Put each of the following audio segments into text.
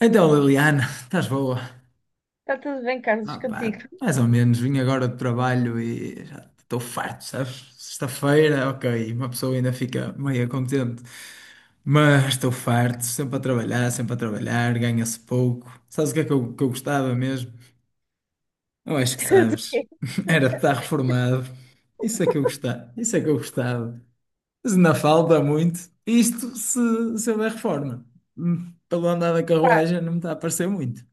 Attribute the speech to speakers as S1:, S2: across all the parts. S1: Então, Liliana, estás boa?
S2: Está tudo bem, Carlos,
S1: Ah,
S2: contigo.
S1: pá, mais ou menos, vim agora do trabalho e já estou farto, sabes? Sexta-feira, ok, uma pessoa ainda fica meio contente, mas estou farto, sempre a trabalhar, ganha-se pouco. Sabes o que é que eu gostava mesmo? Eu acho que
S2: Tudo
S1: sabes,
S2: bem,
S1: era de estar reformado. Isso é que eu gostava, isso é que eu gostava. Mas ainda falta muito, isto se houver reforma. Pelo andar da
S2: pá.
S1: carruagem não me está a parecer muito.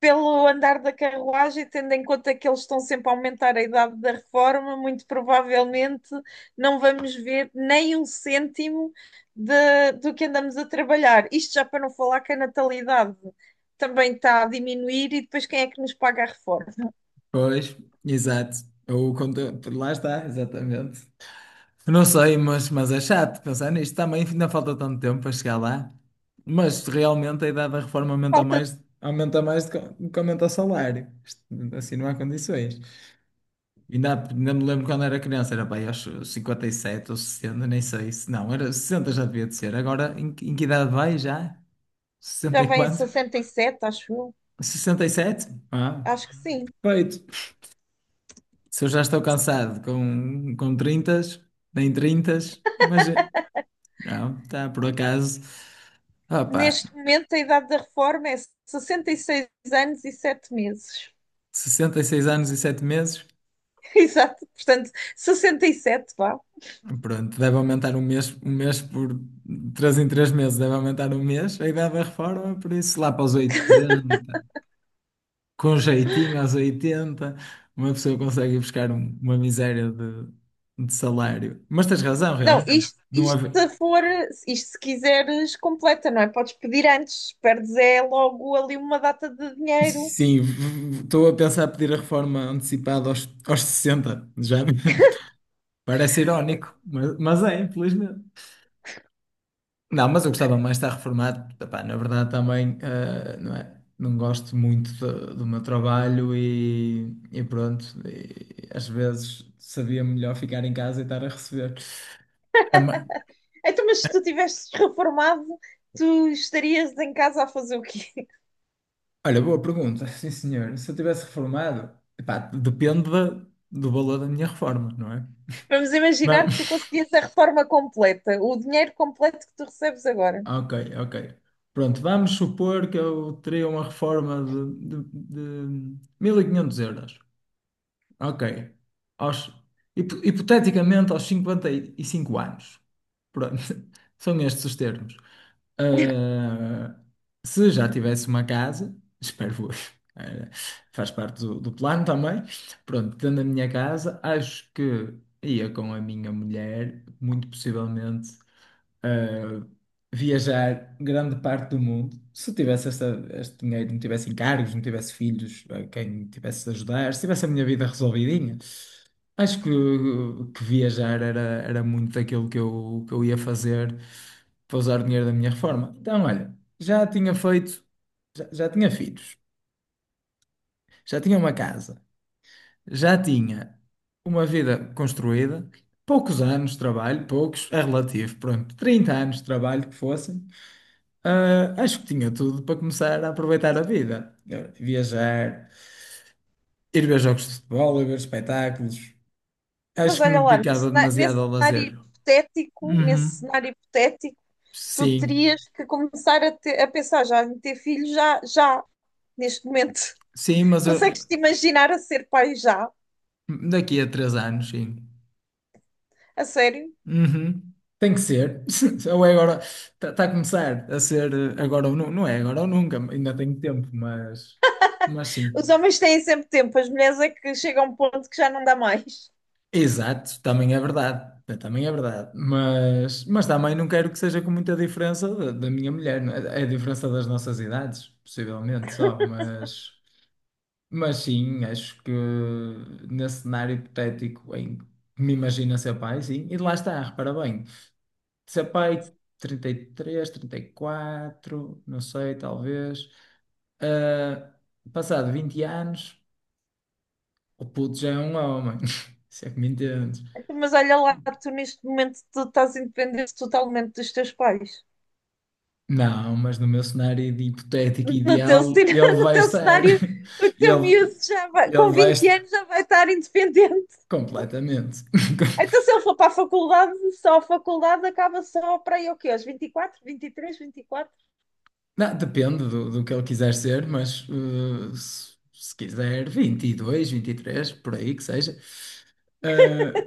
S2: Pelo andar da carruagem, tendo em conta que eles estão sempre a aumentar a idade da reforma, muito provavelmente não vamos ver nem um cêntimo do que andamos a trabalhar. Isto já para não falar que a natalidade também está a diminuir e depois quem é que nos paga a reforma?
S1: Pois, exato. O conteúdo, lá está, exatamente. Não sei, mas é chato pensar nisto. Também ainda falta tanto tempo para chegar lá. Mas realmente a idade da reforma
S2: Falta,
S1: aumenta mais do que aumenta o salário. Isto, assim não há condições. Ainda me lembro quando era criança, era bem, aos 57 ou 60, nem sei se não, era 60 já devia de ser. Agora em que idade vai já? sessenta
S2: já
S1: e
S2: vem
S1: quatro
S2: 67, acho eu.
S1: 67. Ah,
S2: Acho que sim.
S1: perfeito. Se eu já estou cansado com 30, nem 30, mas não, está por acaso. Opa,
S2: Neste momento, a idade da reforma é 66 anos e 7 meses.
S1: 66 anos e 7 meses.
S2: Exato, portanto, 67, vá.
S1: Pronto, deve aumentar um mês por 3 em 3 meses, deve aumentar um mês. A idade da reforma, por isso lá para os 80, com um jeitinho aos 80, uma pessoa consegue ir buscar uma miséria de salário. Mas tens razão,
S2: Não,
S1: realmente.
S2: isto,
S1: Não,
S2: isto se for, isto se quiseres, completa, não é? Podes pedir antes, perdes é logo ali uma data de dinheiro.
S1: Sim, estou a pensar pedir a reforma antecipada aos 60 já, parece irónico, mas é, infelizmente. Não, mas eu gostava mais de estar reformado. Epá, na verdade, também não é? Não gosto muito do meu trabalho e pronto, e às vezes sabia melhor ficar em casa e estar a receber. É uma-
S2: Então, mas se tu tivesses reformado, tu estarias em casa a fazer o quê?
S1: Olha, boa pergunta, sim senhor. Se eu tivesse reformado, epá, depende do valor da minha reforma, não é?
S2: Vamos imaginar que tu conseguias a reforma completa, o dinheiro completo que tu recebes agora.
S1: Ok, ok. Pronto, vamos supor que eu teria uma reforma de €1500. Ok. Aos, hipoteticamente aos 55 anos. Pronto, são estes os termos. Ah, se já tivesse uma casa, espero, eu, eh, faz parte do plano também. Pronto, tendo a minha casa, acho que ia com a minha mulher, muito possivelmente eh, viajar grande parte do mundo. Se tivesse esta, este dinheiro, não tivesse encargos, não tivesse filhos a quem tivesse de ajudar, se tivesse a minha vida resolvidinha, acho que viajar era muito daquilo que eu ia fazer para usar o dinheiro da minha reforma. Então, olha, já tinha feito, já tinha filhos, já tinha uma casa, já tinha uma vida construída. Poucos anos de trabalho, poucos, é relativo, pronto, trinta anos de trabalho que fossem. Ah, acho que tinha tudo para começar a aproveitar a vida. Viajar, ir ver jogos de futebol, ir ver espetáculos.
S2: Mas
S1: Acho que
S2: olha
S1: me
S2: lá, no
S1: dedicava
S2: cena-
S1: demasiado
S2: nesse
S1: ao
S2: cenário
S1: lazer.
S2: hipotético,
S1: Uhum.
S2: tu
S1: Sim,
S2: terias que começar a pensar já em ter filhos já, já, neste momento.
S1: sim,
S2: Consegues te imaginar a ser pai já?
S1: daqui a 3 anos, sim.
S2: A sério?
S1: Uhum. Tem que ser. Ou é agora, está a começar a ser agora ou não, é agora ou nunca, ainda tenho tempo, mas sim.
S2: Os homens têm sempre tempo, as mulheres é que chegam a um ponto que já não dá mais.
S1: Exato, também é verdade. Também é verdade. Mas também não quero que seja com muita diferença da minha mulher. Não, é a diferença das nossas idades, possivelmente só. Mas sim, acho que nesse cenário hipotético em que me imagino a ser pai, sim. E lá está, repara bem. Ser pai, 30, 33, 34, não sei, talvez. Ah, passado 20 anos, o puto já é um homem. Se é que me entendes.
S2: Mas olha lá, tu neste momento tu estás independente totalmente dos teus pais.
S1: Não, mas no meu cenário de hipotético
S2: No teu,
S1: ideal, ele
S2: no
S1: vai
S2: teu
S1: estar.
S2: cenário, o teu
S1: Ele,
S2: miúdo já vai,
S1: ele
S2: com
S1: vai
S2: 20
S1: estar
S2: anos já vai estar independente.
S1: completamente.
S2: Então, se ele for para a faculdade, só a faculdade acaba só para aí o quê? Aos 24, 23, 24?
S1: Não, depende do que ele quiser ser, mas se quiser 22, 23, por aí que seja. eh,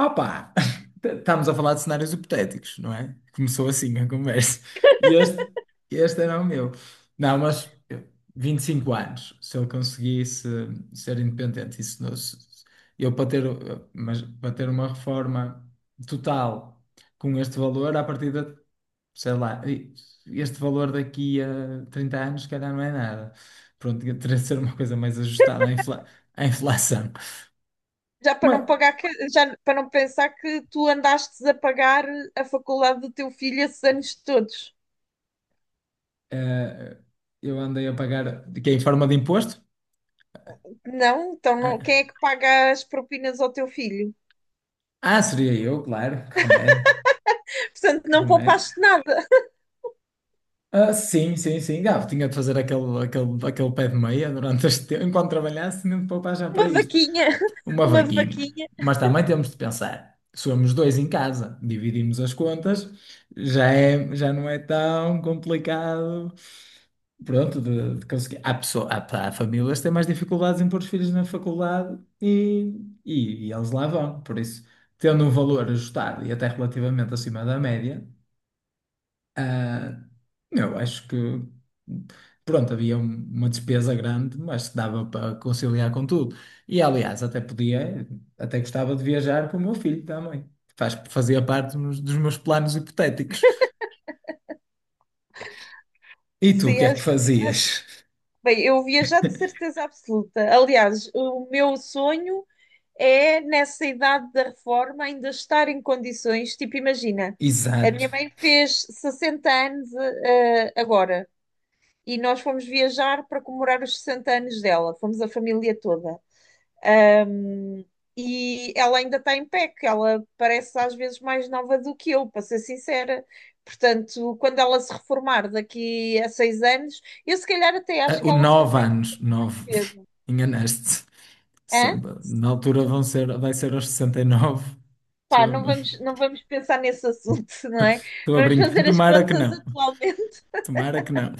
S1: Opa! Estamos a falar de cenários hipotéticos, não é? Começou assim a conversa. E este era o meu. Não, 25 anos, se eu conseguisse ser independente, isso não, eu para ter, mas para ter uma reforma total com este valor, à partida, sei lá, este valor daqui a 30 anos, se calhar não é nada. Pronto, teria de ser uma coisa mais ajustada à inflação.
S2: Já para não pagar, já para não pensar que tu andaste a pagar a faculdade do teu filho esses anos todos.
S1: eh, eu andei a pagar de que é em forma de imposto?
S2: Não? Então não,
S1: Ah,
S2: quem é que paga as propinas ao teu filho?
S1: ah, seria eu, claro. Que remédio.
S2: Portanto,
S1: Que
S2: não
S1: remédio.
S2: poupaste nada.
S1: Ah, sim, sim, sim. Gabo, tinha de fazer aquele pé de meia durante este tempo, enquanto trabalhasse, tinha de poupar já para
S2: Uma
S1: isto.
S2: vaquinha,
S1: Uma
S2: uma
S1: vaquinha.
S2: vaquinha.
S1: Mas também temos de pensar. Somos dois em casa, dividimos as contas, já é, já não é tão complicado. Pronto, de conseguir. Há famílias que têm mais dificuldades em pôr os filhos na faculdade e eles lá vão. Por isso, tendo um valor ajustado e até relativamente acima da média, ah, eu acho que, pronto, havia uma despesa grande, mas que dava para conciliar com tudo. E, aliás, até podia, até gostava de viajar com o meu filho também. Faz, fazia parte dos meus planos hipotéticos. E tu, o
S2: Sim,
S1: que é que
S2: acho.
S1: fazias?
S2: Bem, eu viajar de certeza absoluta. Aliás, o meu sonho é, nessa idade da reforma, ainda estar em condições. Tipo, imagina, a
S1: Exato.
S2: minha mãe fez 60 anos, agora, e nós fomos viajar para comemorar os 60 anos dela. Fomos a família toda. E ela ainda está em pé, que ela parece às vezes mais nova do que eu, para ser sincera. Portanto, quando ela se reformar daqui a 6 anos, eu se calhar até
S1: Ah,
S2: acho que
S1: o
S2: ela se
S1: nove
S2: consegue
S1: anos, nove,
S2: mais cedo.
S1: enganaste-te. Samba. Na altura vão ser, vai ser aos 69. Estou
S2: Pá,
S1: a,
S2: não vamos pensar nesse assunto, não é?
S1: estou a
S2: Vamos
S1: brincar.
S2: fazer as
S1: Tomara que
S2: contas
S1: não.
S2: atualmente.
S1: Tomara que não.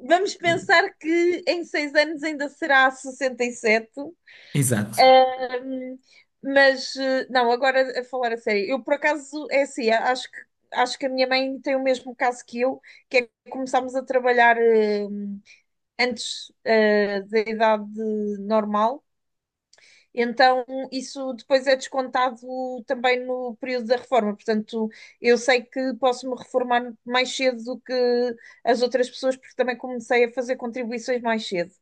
S2: Vamos
S1: Eh,
S2: pensar que em 6 anos ainda será 67.
S1: Exato.
S2: Hum, mas, não, agora a falar a sério. Eu, por acaso, é assim, acho que a minha mãe tem o mesmo caso que eu, que é que começámos a trabalhar antes da idade normal. Então, isso depois é descontado também no período da reforma. Portanto, eu sei que posso me reformar mais cedo do que as outras pessoas, porque também comecei a fazer contribuições mais cedo.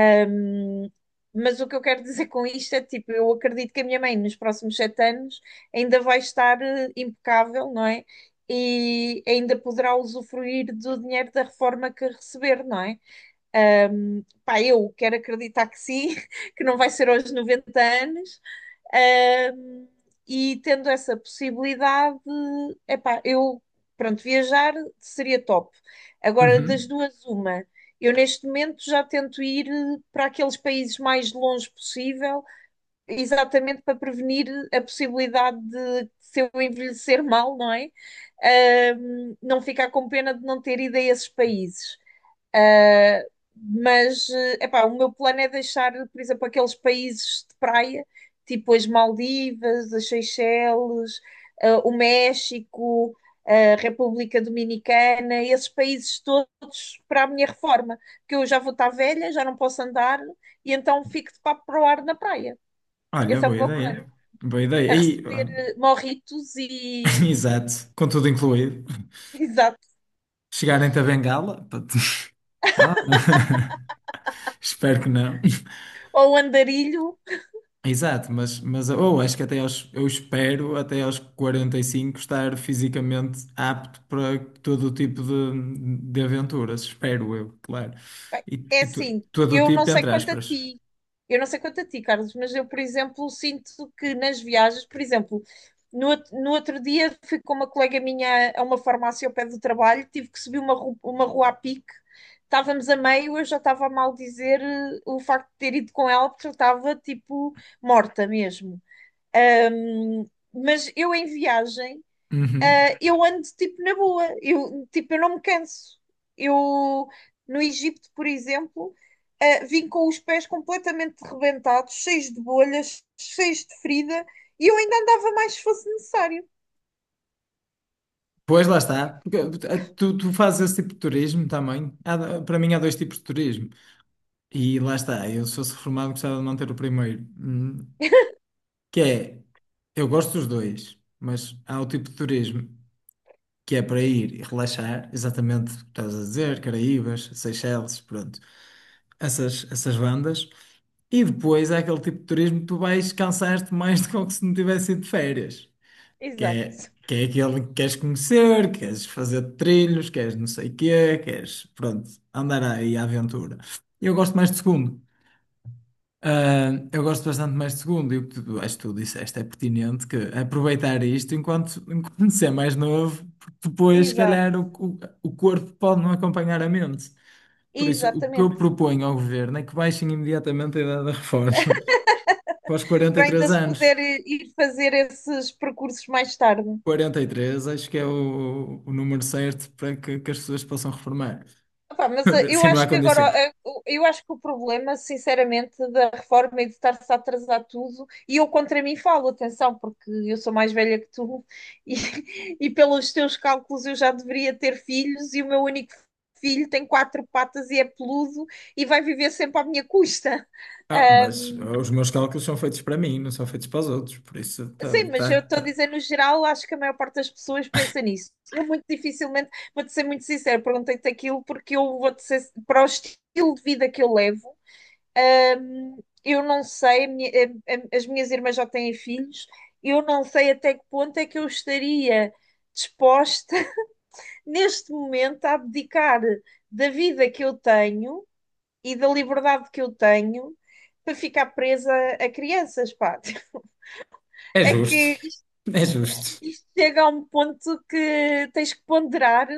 S2: Hum, mas o que eu quero dizer com isto é, tipo, eu acredito que a minha mãe, nos próximos 7 anos, ainda vai estar impecável, não é? E ainda poderá usufruir do dinheiro da reforma que receber, não é? Pá, eu quero acreditar que sim, que não vai ser aos 90 anos. Ahm, e tendo essa possibilidade, epá, eu, pronto, viajar seria top. Agora, das
S1: Uhum.
S2: duas, uma. Eu neste momento já tento ir para aqueles países mais longe possível, exatamente para prevenir a possibilidade de, se eu envelhecer mal, não é? Não ficar com pena de não ter ido a esses países. Uh, mas, epá, o meu plano é deixar, por exemplo, aqueles países de praia, tipo as Maldivas, as Seychelles, o México, a República Dominicana, esses países todos para a minha reforma, que eu já vou estar velha, já não posso andar, e então fico de papo para o ar na praia.
S1: Olha,
S2: Esse é
S1: boa
S2: o meu
S1: ideia.
S2: plano,
S1: Boa
S2: a
S1: ideia. E,
S2: receber
S1: olha,
S2: morritos e...
S1: exato. Com tudo incluído.
S2: Exato.
S1: Chegarem-te a bengala? Ah. Espero que não.
S2: Ou andarilho.
S1: Exato, mas ou acho que eu espero até aos 45 estar fisicamente apto para todo o tipo de aventuras, espero eu, claro. E,
S2: É
S1: e
S2: assim,
S1: todo o
S2: eu não
S1: tipo,
S2: sei
S1: entre
S2: quanto a
S1: aspas.
S2: ti, Carlos, mas eu, por exemplo, sinto que nas viagens, por exemplo, no outro dia fui com uma colega minha a uma farmácia ao pé do trabalho, tive que subir uma rua a pique, estávamos a meio, eu já estava a maldizer o facto de ter ido com ela, porque eu estava tipo morta mesmo. Ahm, mas eu em viagem
S1: Uhum.
S2: eu ando tipo na boa, eu, tipo, eu não me canso. Eu no Egito, por exemplo, vim com os pés completamente rebentados, cheios de bolhas, cheios de ferida, e eu ainda andava mais se fosse necessário.
S1: Pois lá está. Porque, tu fazes esse tipo de turismo também. Há para mim há dois tipos de turismo. E lá está, eu se fosse reformado gostava de manter o primeiro. Que é, eu gosto dos dois, mas há o tipo de turismo, que é para ir e relaxar, exatamente o que estás a dizer, Caraíbas, Seychelles, pronto, essas bandas. E depois é aquele tipo de turismo que tu vais cansar-te mais do que como se não tivesse ido de férias, que é,
S2: Exato,
S1: que é aquele que queres conhecer, queres fazer trilhos, queres não sei o quê, queres, pronto, andar aí à aventura. Eu gosto mais do segundo. Ah, eu gosto bastante mais de segundo, e o que tu, acho que tu disseste é pertinente, que aproveitar isto enquanto, enquanto se é mais novo, porque depois, se
S2: exato,
S1: calhar, o corpo pode não acompanhar a mente. Por isso, o que eu
S2: exatamente.
S1: proponho ao governo é que baixem imediatamente a idade da reforma para os
S2: Para ainda
S1: 43
S2: se
S1: anos.
S2: puder ir fazer esses percursos mais tarde.
S1: Quarenta e três, acho que é o número certo para que as pessoas possam reformar.
S2: Epá, mas eu
S1: Se não
S2: acho
S1: há
S2: que agora,
S1: condições.
S2: eu acho que o problema, sinceramente, da reforma é de estar-se a atrasar tudo, e eu contra mim falo, atenção, porque eu sou mais velha que tu, e, e pelos teus cálculos eu já deveria ter filhos, e o meu único filho tem quatro patas e é peludo e vai viver sempre à minha custa.
S1: Ah,
S2: Ah,
S1: mas os meus cálculos são feitos para mim, não são feitos para os outros, por isso tá,
S2: sim, mas eu
S1: tá,
S2: estou a
S1: tá.
S2: dizer, no geral, acho que a maior parte das pessoas pensa nisso. Eu muito dificilmente, vou-te ser muito sincera, perguntei-te aquilo porque eu vou-te ser, para o estilo de vida que eu levo. Ahm, eu não sei, a minha- a- as minhas irmãs já têm filhos, eu não sei até que ponto é que eu estaria disposta, neste momento, a abdicar da vida que eu tenho e da liberdade que eu tenho para ficar presa a crianças, pá.
S1: É
S2: É
S1: justo,
S2: que
S1: é justo.
S2: isto chega a um ponto que tens que ponderar.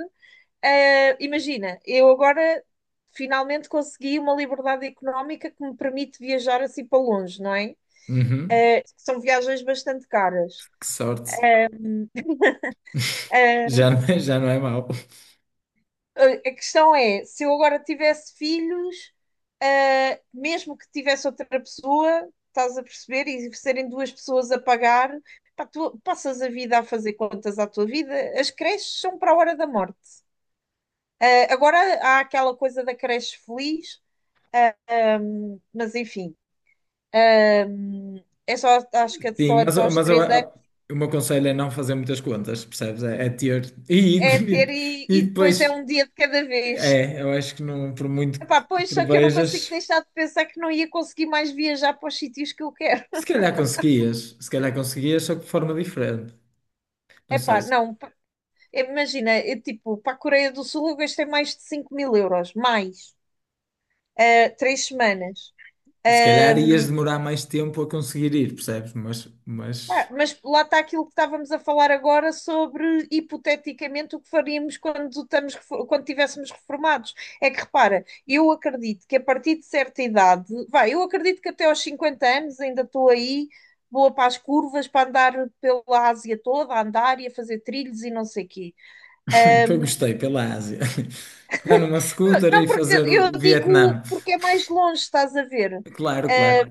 S2: Imagina, eu agora finalmente consegui uma liberdade económica que me permite viajar assim para longe, não é?
S1: Uhum.
S2: É, são viagens bastante caras.
S1: Que sorte.
S2: Ah,
S1: Já não é mau.
S2: a questão é, se eu agora tivesse filhos, mesmo que tivesse outra pessoa, estás a perceber, e serem duas pessoas a pagar, pá, tu passas a vida a fazer contas à tua vida. As creches são para a hora da morte. Ah, agora há aquela coisa da creche feliz, ah, mas enfim, ah, é só, acho que é
S1: Sim,
S2: só até aos
S1: mas eu,
S2: 3 anos,
S1: o meu conselho é não fazer muitas contas, percebes? É ter. E,
S2: é ter e,
S1: e, e
S2: e depois é
S1: depois,
S2: um dia de cada vez.
S1: eu acho que não, por muito
S2: Epá,
S1: que
S2: pois, só que eu não consigo
S1: prevejas,
S2: deixar de pensar que não ia conseguir mais viajar para os sítios que eu quero.
S1: se calhar conseguias, se calhar conseguias, só que de forma diferente. Não sei,
S2: Epá,
S1: se,
S2: não, imagina, eu, tipo, para a Coreia do Sul eu gastei mais de 5 mil euros, mais, ah, 3 semanas.
S1: se calhar
S2: Eh,
S1: ias demorar mais tempo a conseguir ir, percebes? Mas,
S2: Ah,
S1: mas
S2: mas lá está aquilo que estávamos a falar agora sobre, hipoteticamente, o que faríamos quando estamos, quando estivéssemos reformados. É que repara, eu acredito que a partir de certa idade, vai, eu acredito que até aos 50 anos ainda estou aí, boa para as curvas, para andar pela Ásia toda, a andar e a fazer trilhos e não sei o quê.
S1: eu gostei pela Ásia. Pegar numa scooter
S2: Não,
S1: e
S2: porque
S1: fazer
S2: eu
S1: o
S2: digo
S1: Vietnã.
S2: porque é mais longe, estás a ver?
S1: Claro, claro.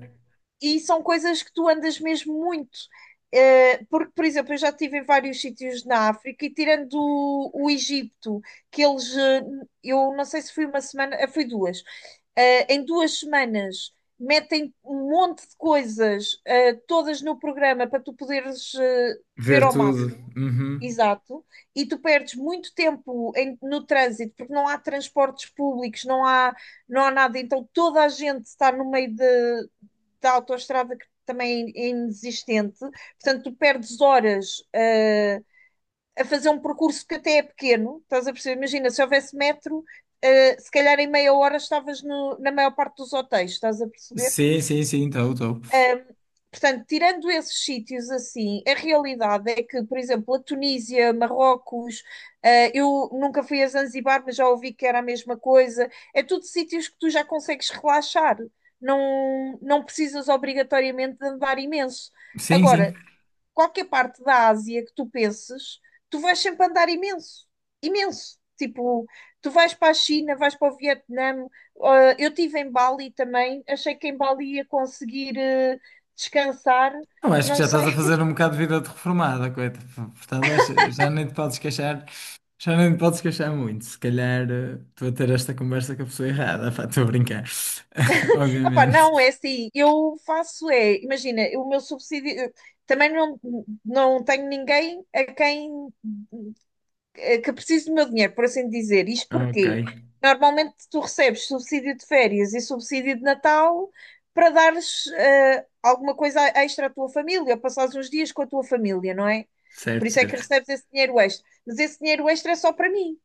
S2: E são coisas que tu andas mesmo muito. Porque, por exemplo, eu já estive em vários sítios na África e tirando o Egito, que eles, eu não sei se foi uma semana, foi duas. Em 2 semanas metem um monte de coisas, todas no programa para tu poderes, ver
S1: Ver
S2: ao
S1: tudo.
S2: máximo.
S1: Uhum.
S2: Exato. E tu perdes muito tempo no trânsito, porque não há transportes públicos, não há nada. Então toda a gente está no meio de, da autoestrada que também é inexistente. Portanto, tu perdes horas, a fazer um percurso que até é pequeno. Estás a perceber? Imagina, se houvesse metro, se calhar em meia hora estavas na maior parte dos hotéis. Estás a perceber?
S1: Sim, sim, sim, estou, estou.
S2: Portanto, tirando esses sítios assim, a realidade é que, por exemplo, a Tunísia, Marrocos, eu nunca fui a Zanzibar, mas já ouvi que era a mesma coisa. É tudo sítios que tu já consegues relaxar. Não, não precisas obrigatoriamente de andar imenso.
S1: Sim,
S2: Agora,
S1: sim.
S2: qualquer parte da Ásia que tu penses, tu vais sempre andar imenso, imenso. Tipo, tu vais para a China, vais para o Vietnã. Ah, eu estive em Bali também, achei que em Bali ia conseguir descansar.
S1: Não, acho que
S2: Não
S1: já estás a
S2: sei.
S1: fazer um bocado de vida de reformada, coita. Portanto, já nem te podes queixar, já nem te podes queixar muito. Se calhar estou a ter esta conversa com a pessoa errada, pá, estou a brincar.
S2: Epá, não, é
S1: Obviamente.
S2: assim, eu faço é, imagina, o meu subsídio, eu também não, não tenho ninguém a quem que preciso do meu dinheiro, por assim dizer. Isto
S1: Ok,
S2: porquê? Normalmente tu recebes subsídio de férias e subsídio de Natal para dares alguma coisa extra à tua família, ou passares uns dias com a tua família, não é? Por
S1: certo,
S2: isso é que
S1: certo.
S2: recebes esse dinheiro extra. Mas esse dinheiro extra é só para mim.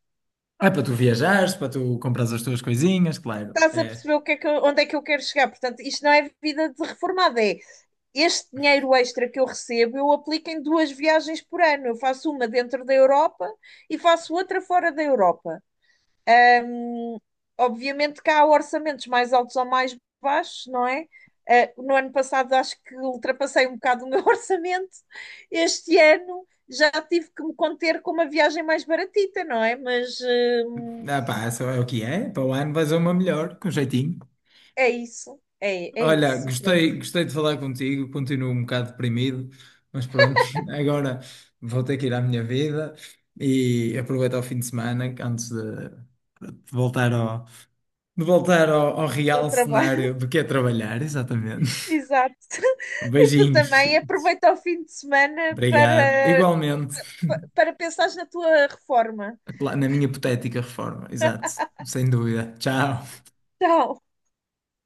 S1: É para tu viajares, para tu comprares as tuas coisinhas, claro.
S2: Estás a
S1: É.
S2: perceber o que é que onde é que eu quero chegar? Portanto, isto não é vida de reformada, é este dinheiro extra que eu recebo, eu aplico em duas viagens por ano. Eu faço uma dentro da Europa e faço outra fora da Europa. Obviamente que há orçamentos mais altos ou mais baixos, não é? No ano passado acho que ultrapassei um bocado o meu orçamento. Este ano já tive que me conter com uma viagem mais baratita, não é? Mas hum,
S1: Ah, pá, só é o que é. Para o ano vais a uma melhor, com jeitinho.
S2: é isso, é
S1: Olha,
S2: isso. Pronto,
S1: gostei, gostei de falar contigo, continuo um bocado deprimido, mas pronto, agora vou ter que ir à minha vida e aproveitar o fim de semana antes de voltar ao
S2: o
S1: real
S2: trabalho.
S1: cenário do que é trabalhar, exatamente.
S2: Exato. E tu
S1: Beijinhos.
S2: também aproveita o fim de semana
S1: Obrigado.
S2: para,
S1: Igualmente,
S2: para pensares na tua reforma.
S1: na minha hipotética reforma, exato, sem dúvida. Tchau.
S2: Tchau.